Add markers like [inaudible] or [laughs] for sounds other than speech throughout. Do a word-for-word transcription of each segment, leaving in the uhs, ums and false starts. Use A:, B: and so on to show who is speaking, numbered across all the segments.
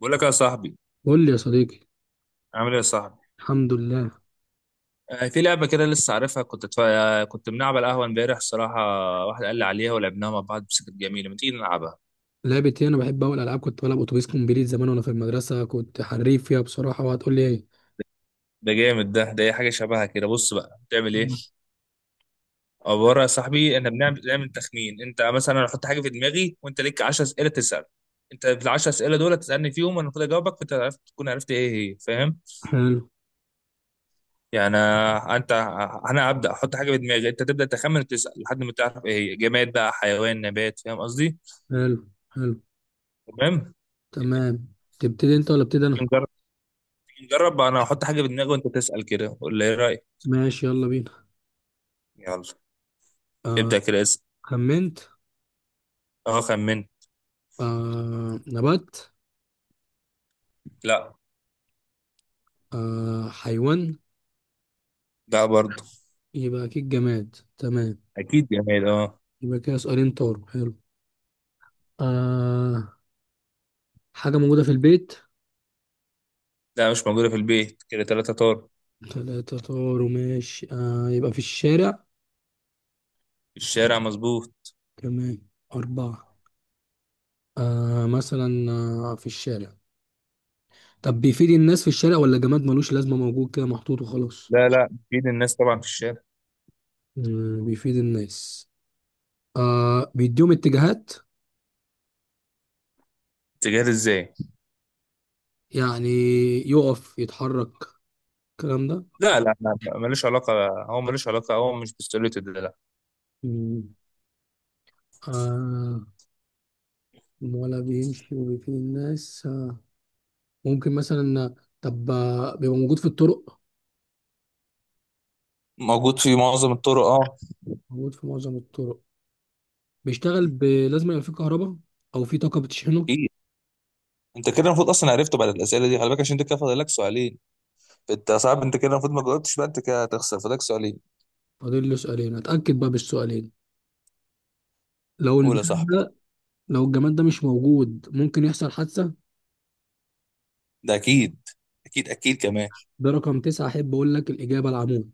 A: بقول لك يا صاحبي،
B: قول لي يا صديقي.
A: عامل ايه يا صاحبي؟
B: الحمد لله.
A: آه، في لعبه كده لسه عارفها. كنت تفا... كنت بنلعب على القهوه امبارح الصراحه. واحد قال لي عليها ولعبناها مع بعض، بس كانت جميله. ما تيجي نلعبها؟
B: لعبت ايه؟ انا بحب اول العاب، كنت بلعب اتوبيس كومبليت زمان وانا في المدرسه، كنت حريف فيها بصراحه. وهتقول لي ايه؟
A: ده جامد. ده ده اي حاجه شبهها كده. بص بقى، بتعمل ايه؟
B: مم.
A: عباره يا صاحبي، احنا بنعمل بنعمل تخمين. انت مثلا، انا احط حاجه في دماغي وانت ليك عشرة اسئله تسال. انت في ال عشرة اسئله دول تسالني فيهم، انا المفروض اجاوبك، فانت عرفت تكون عرفت ايه هي، فاهم؟
B: حلو.
A: يعني آه، انت، انا ابدا احط حاجه في دماغي، انت تبدا تخمن وتسال لحد ما تعرف ايه هي، جماد بقى، حيوان، نبات، فاهم قصدي؟
B: حلو. حلو.
A: تمام.
B: تمام. تبتدي انت ولا ابتدي انا؟
A: نجرب. نجرب، انا هحط حاجه في دماغي وانت تسال، كده ولا ايه رايك؟
B: ماشي، يلا بينا.
A: يلا،
B: آه.
A: ابدا كده اسال.
B: خمنت.
A: اه، خمن.
B: آه، نبات.
A: لا.
B: آه، حيوان.
A: لا برضه.
B: يبقى اكيد جماد. تمام.
A: اكيد جماد، اه.
B: يبقى كده سؤالين طاروا. حلو. آه. حاجه موجوده في البيت.
A: لا مش موجوده في البيت، كده ثلاثه طار.
B: ثلاثه طاروا ماشي. آه، يبقى في الشارع.
A: في الشارع، مظبوط.
B: تمام. اربعه. آه، مثلا. آه، في الشارع. طب بيفيد الناس في الشارع ولا جماد ملوش لازمة، موجود كده محطوط وخلاص؟
A: لا لا، اكيد الناس طبعا في الشارع.
B: مم، بيفيد الناس. آه، بيديهم اتجاهات.
A: تجاري ازاي؟
B: يعني يقف يتحرك، الكلام ده.
A: لا لا لا لا، ملوش علاقه. هو ملوش علاقه، هو مش بالسوليت ده، لا.
B: مم. آه. ولا بيمشي وبيفيد الناس؟ آه. ممكن مثلا. طب آه، بيبقى موجود في الطرق.
A: موجود في معظم الطرق، اه.
B: موجود في معظم الطرق. بيشتغل ب- لازم يبقى فيه كهرباء، او فيه طاقة بتشحنه.
A: اكيد. انت كده المفروض اصلا عرفته بعد الاسئله دي، خلي بالك عشان انت كده فاضل لك سؤالين. انت صعب، انت كده المفروض ما جاوبتش بقى، انت كده هتخسر، فاضلك سؤالين.
B: فاضل له سؤالين، اتأكد بقى بالسؤالين. لو
A: قول يا
B: البتاع،
A: صاحبي.
B: لو الجماد ده مش موجود ممكن يحصل حادثة.
A: ده اكيد. اكيد اكيد كمان.
B: ده رقم تسعة، أحب أقول لك الإجابة: العمود.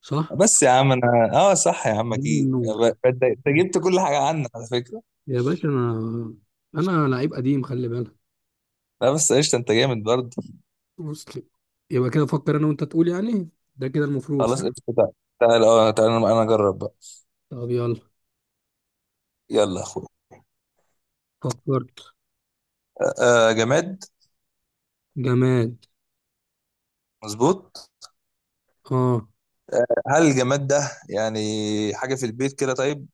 B: صح؟
A: بس يا عم انا، اه صح يا عم
B: من
A: اكيد.
B: النور.
A: ب- انت أنت جبت كل حاجه عنك على فكره.
B: يا باشا أنا، أنا لعيب قديم، خلي بالك.
A: لا بس قشطه، انت جامد برضه.
B: مسلم. يبقى كده فكر أنا وأنت تقول يعني. ده كده المفروض صح؟
A: خلاص قشطه، تعال. تعال اه تعال، انا أنا اجرب بقى.
B: طب يلا.
A: يلا يا اخويا.
B: فكرت.
A: آه. آه، جماد.
B: جماد.
A: مظبوط.
B: آه.
A: هل الجماد ده يعني حاجه في البيت كده؟ طيب،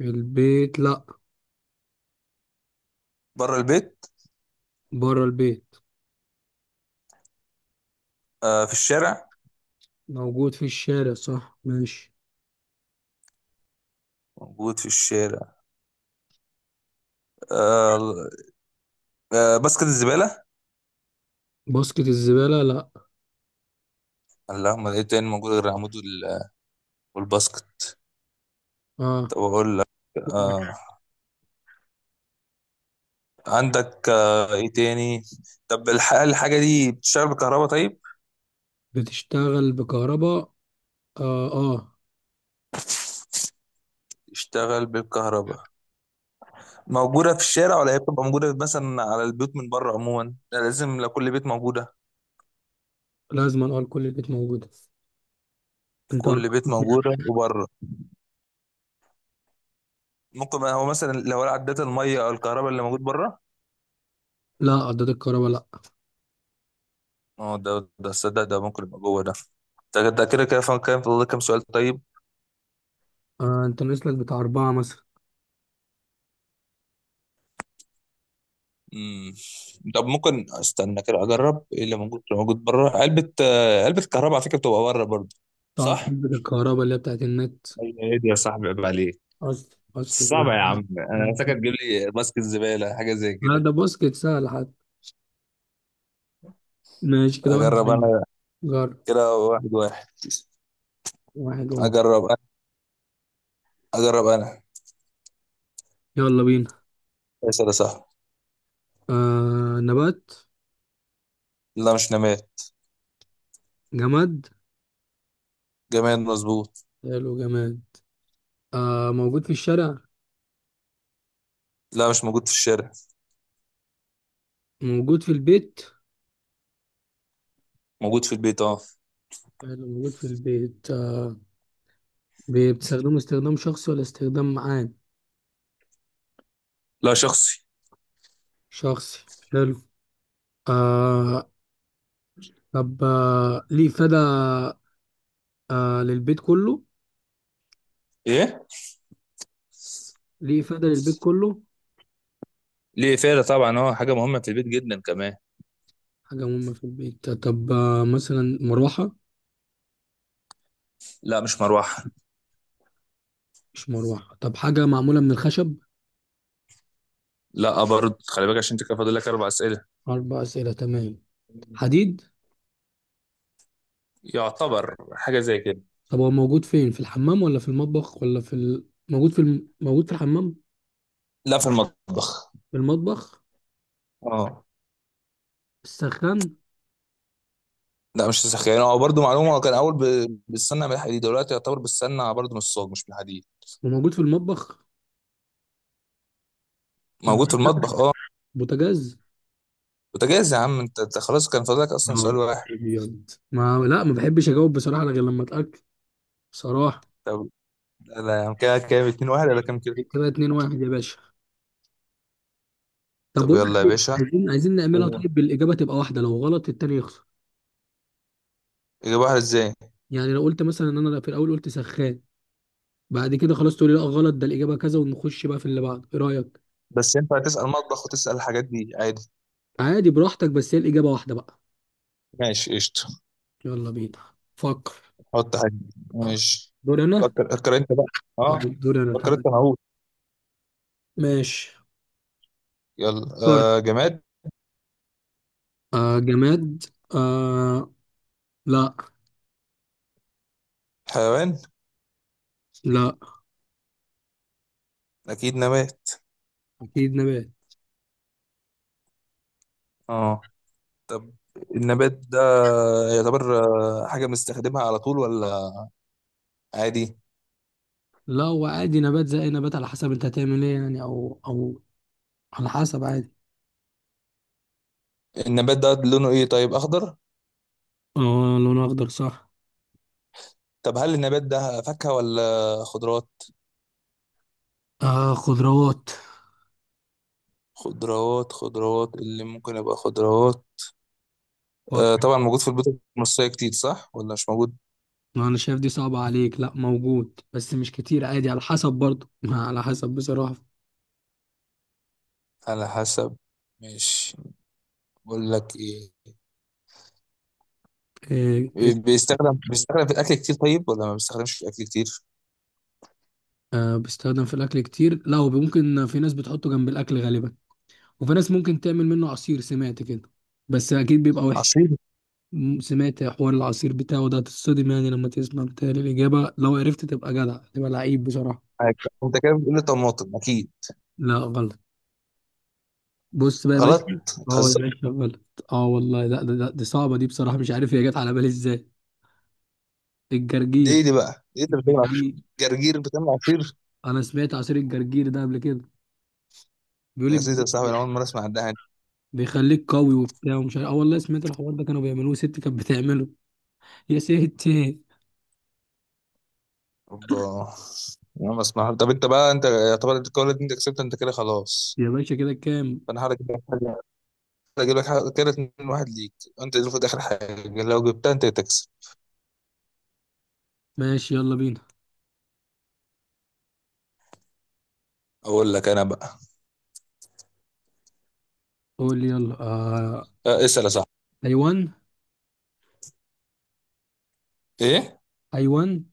B: البيت لأ.
A: بره البيت.
B: بره البيت.
A: آه في الشارع.
B: موجود في الشارع صح، ماشي.
A: موجود في الشارع. آه. آه، باسكت الزباله.
B: باسكت الزبالة لأ.
A: اللهم، ايه تاني موجود غير العمود وال- والباسكت؟
B: آه.
A: طب اقول لك. آه، عندك آه، ايه تاني. طب الح- الحاجة دي بتشتغل بالكهرباء طيب؟
B: بتشتغل بكهرباء. آه، آه.
A: تشتغل بالكهرباء. موجودة في الشارع ولا هي بتبقى موجودة مثلا على البيوت من بره؟ عموما لا، لازم لو كل بيت موجودة.
B: لازم أقول كل البيت موجودة. انت.
A: كل بيت موجودة وبره. ممكن بقى هو مثلا لو عدات المية او الكهرباء اللي موجود بره.
B: لا، عداد الكهرباء لا.
A: اه، ده ده صدق، ده ممكن يبقى جوه ده. ده ده كده كده فاهم، كام فاضل لك كام سؤال طيب؟
B: آه، انت ناقص لك بتاع اربعة مثلا.
A: مم. طب ممكن استنى كده، اجرب ايه اللي موجود، اللي موجود بره، علبة آه، علبة كهرباء على فكرة بتبقى بره برضه.
B: بتاع
A: صح.
B: عداد الكهرباء اللي هي بتاعت النت.
A: ايه دي يا صاحبي، عيب عليك.
B: اصل اصل.
A: صعبة يا عم، انا فاكر تجيب لي ماسك الزبالة حاجة زي
B: لا،
A: كده.
B: ده باسكت سهل حتى. ماشي كده واحد
A: اجرب
B: وعشرين.
A: انا.
B: جرب.
A: كده واحد واحد.
B: واحد واحد.
A: اجرب انا. اجرب انا.
B: يلا بينا.
A: اسال يا صاحبي.
B: آه، نبات.
A: لا مش نماد.
B: جماد.
A: جماد، مظبوط.
B: حلو، جماد. آه، موجود في الشارع.
A: لا مش موجود في الشارع.
B: موجود في البيت.
A: موجود في البيت، اه.
B: حلو، موجود في البيت. آه. بي- بتستخدمه استخدام شخصي ولا استخدام عام؟
A: لا شخصي.
B: شخصي. حلو. آه. طب آه، ليه إفادة. آه، للبيت كله.
A: ايه.
B: ليه إفادة للبيت كله.
A: ليه فعلا طبعا، اه حاجه مهمه في البيت جدا كمان.
B: حاجة مهمة في البيت. طب آه، مثلا مروحة.
A: لا مش مروحه.
B: مش مروحة. طب حاجة معمولة من الخشب.
A: لا برضه، خلي بالك عشان انت كده فاضل لك اربع اسئله.
B: أربع أسئلة، تمام. حديد.
A: يعتبر حاجه زي كده.
B: طب هو موجود فين، في الحمام ولا في المطبخ ولا في ال... موجود في الم... موجود في الحمام.
A: لا في المطبخ.
B: في المطبخ.
A: اه.
B: في السخان.
A: لا مش ساخ، يعني هو برضه معلومه، هو كان اول ب- بالسمنه من الحديد، دلوقتي يعتبر بالسمنه برضه من الصاج مش من الحديد.
B: وموجود في المطبخ.
A: موجود في المطبخ، اه.
B: البوتاجاز.
A: بوتاجاز يا عم، انت أنت خلاص كان فاضلك اصلا سؤال
B: نهار
A: واحد.
B: أبيض، ما لا، ما بحبش أجاوب بصراحة غير لما أتأكد بصراحة.
A: طب لا لا يا عم، كده كام اتنين واحد ولا كام كده؟
B: كده اتنين واحد يا باشا. طب
A: طب
B: بقول
A: يلا
B: لك
A: يا
B: إيه،
A: باشا.
B: عايزين، عايزين نعملها
A: ايه؟
B: طيب بالاجابه، تبقى واحده، لو غلط التاني يخسر.
A: اجيب واحد ازاي؟
B: يعني لو قلت مثلا ان انا في الاول قلت سخان، بعد كده خلاص تقولي لا غلط ده الاجابه كذا، ونخش بقى في اللي بعده. ايه رايك؟
A: بس ينفع تسال مطبخ وتسال الحاجات دي عادي؟
B: عادي، براحتك، بس هي الاجابه واحده بقى.
A: ماشي قشطه.
B: يلا بينا. فكر.
A: حط حاجه. ماشي.
B: دور انا.
A: فكر، فكر انت بقى.
B: اه،
A: اه.
B: دور انا،
A: فكر
B: تمام.
A: انت معقول.
B: ماشي.
A: يلا.
B: فكر.
A: آه جماد.
B: آه، جماد. آه. لا.
A: حيوان.
B: لا.
A: اكيد نبات.
B: اكيد نبات.
A: اه. النبات ده يعتبر آه، حاجة بنستخدمها على طول ولا عادي؟
B: لا، هو عادي نبات زي اي نبات، على حسب انت هتعمل ايه يعني، او او على حسب عادي.
A: النبات ده لونه ايه طيب، اخضر؟
B: اه، لونه اخضر صح.
A: طب هل النبات ده فاكهة ولا خضروات؟
B: آه، خضروات.
A: خضروات، خضروات اللي ممكن يبقى خضروات. آه
B: فكر.
A: طبعا موجود في البيوت المصرية كتير، صح ولا مش موجود؟
B: ما انا شايف دي صعبة عليك. لا موجود بس مش كتير، عادي على حسب برضه [laughs] ما على حسب بصراحة.
A: على حسب. مش، بقول لك ايه،
B: إيه إز-.
A: بيستخدم، بيستخدم في الاكل كتير طيب ولا ما بيستخدمش في الاكل كتير؟
B: آه، بيستخدم في الاكل كتير، لا هو ممكن في ناس بتحطه جنب الاكل غالبا، وفي ناس ممكن تعمل منه عصير سمعت كده، بس اكيد بيبقى وحش.
A: عصير.
B: م- سمعت حوار العصير بتاعه ده، هتتصدم يعني لما تسمع. بتهيألي الإجابة لو عرفت تبقى جدع، تبقى لعيب بصراحة.
A: حاجة. انت كده بتقول لي طماطم اكيد.
B: لا غلط. بص بقى يا باشا.
A: غلط
B: اه يا
A: بتهزر.
B: باشا غلط. اه والله، لا ده, ده, دي صعبة دي بصراحة، مش عارف هي جت على بالي ازاي.
A: دي ايه
B: الجرجير.
A: دي بقى، ايه اللي بتعمل عصير؟
B: الجرجير.
A: جرجير بتعمل عصير؟
B: انا سمعت عصير الجرجير ده قبل كده، بيقول
A: يا
B: لك
A: سيدي يا صاحبي، انا اول مره اسمع عن ده.
B: بيخليك قوي وبتاع ومش عارف. اه والله سمعت الحوار ده، كانوا بيعملوه، ست كانت بتعمله. [laughs] يا ست.
A: اوبا. انا ما اسمع. طب انت بقى، انت يعتبر الجوله دي انت كسبت، انت كده خلاص.
B: يا باشا كده كام؟
A: فانا هحاول اجيب لك حاجه. اجيب لك حاجه، كده اتنين واحد ليك. انت المفروض اخر حاجه لو جبتها انت تكسب.
B: ماشي، يلا بينا.
A: اقول لك انا بقى.
B: قول لي يلا. آه.
A: أه، اسال يا صاحبي.
B: حيوان.
A: ايه؟
B: حيوان.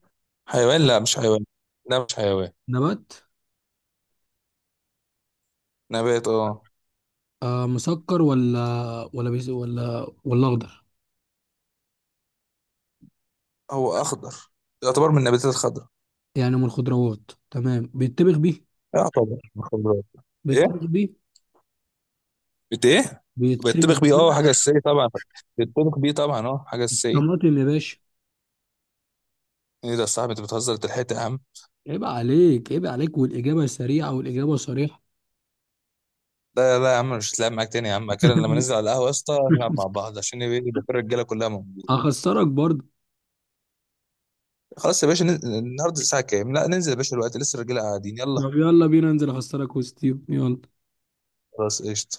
A: حيوان. لا مش حيوان. لا مش حيوان.
B: نبات.
A: نبات، اه.
B: آه، مسكر ولا، ولا بيس، ولا ولا اخضر.
A: هو اخضر، يعتبر من النباتات الخضراء.
B: يعني من الخضروات، تمام. بيتبخ بيه.
A: يعتبر من الخضراء.
B: بيتبخ
A: ايه؟
B: بيه.
A: بت ايه؟
B: بيتبخ
A: بيتطبخ بيه،
B: بيه.
A: اه حاجه اساسيه طبعا. بيتطبخ بيه طبعا، اه حاجه اساسيه.
B: طماطم يا باشا.
A: ايه ده يا صاحبي، انت بتهزر، انت لحقت يا عم.
B: عيب عليك، عيب عليك، والاجابه سريعه والاجابه صريحه.
A: لا لا يا عم، مش هتلعب معاك تاني يا عم. كده لما
B: [laughs]
A: ننزل على القهوه يا اسطى، نلعب مع بعض عشان يبقى إيه، يبقى في الرجاله كلها موجوده.
B: هخسرك برضه.
A: خلاص يا باشا، نن- النهارده الساعه كام؟ لا ننزل يا باشا دلوقتي لسه الرجاله قاعدين، يلا.
B: طب يلا بينا ننزل، اخسرك وستيو، يلا.
A: خلاص قشطه.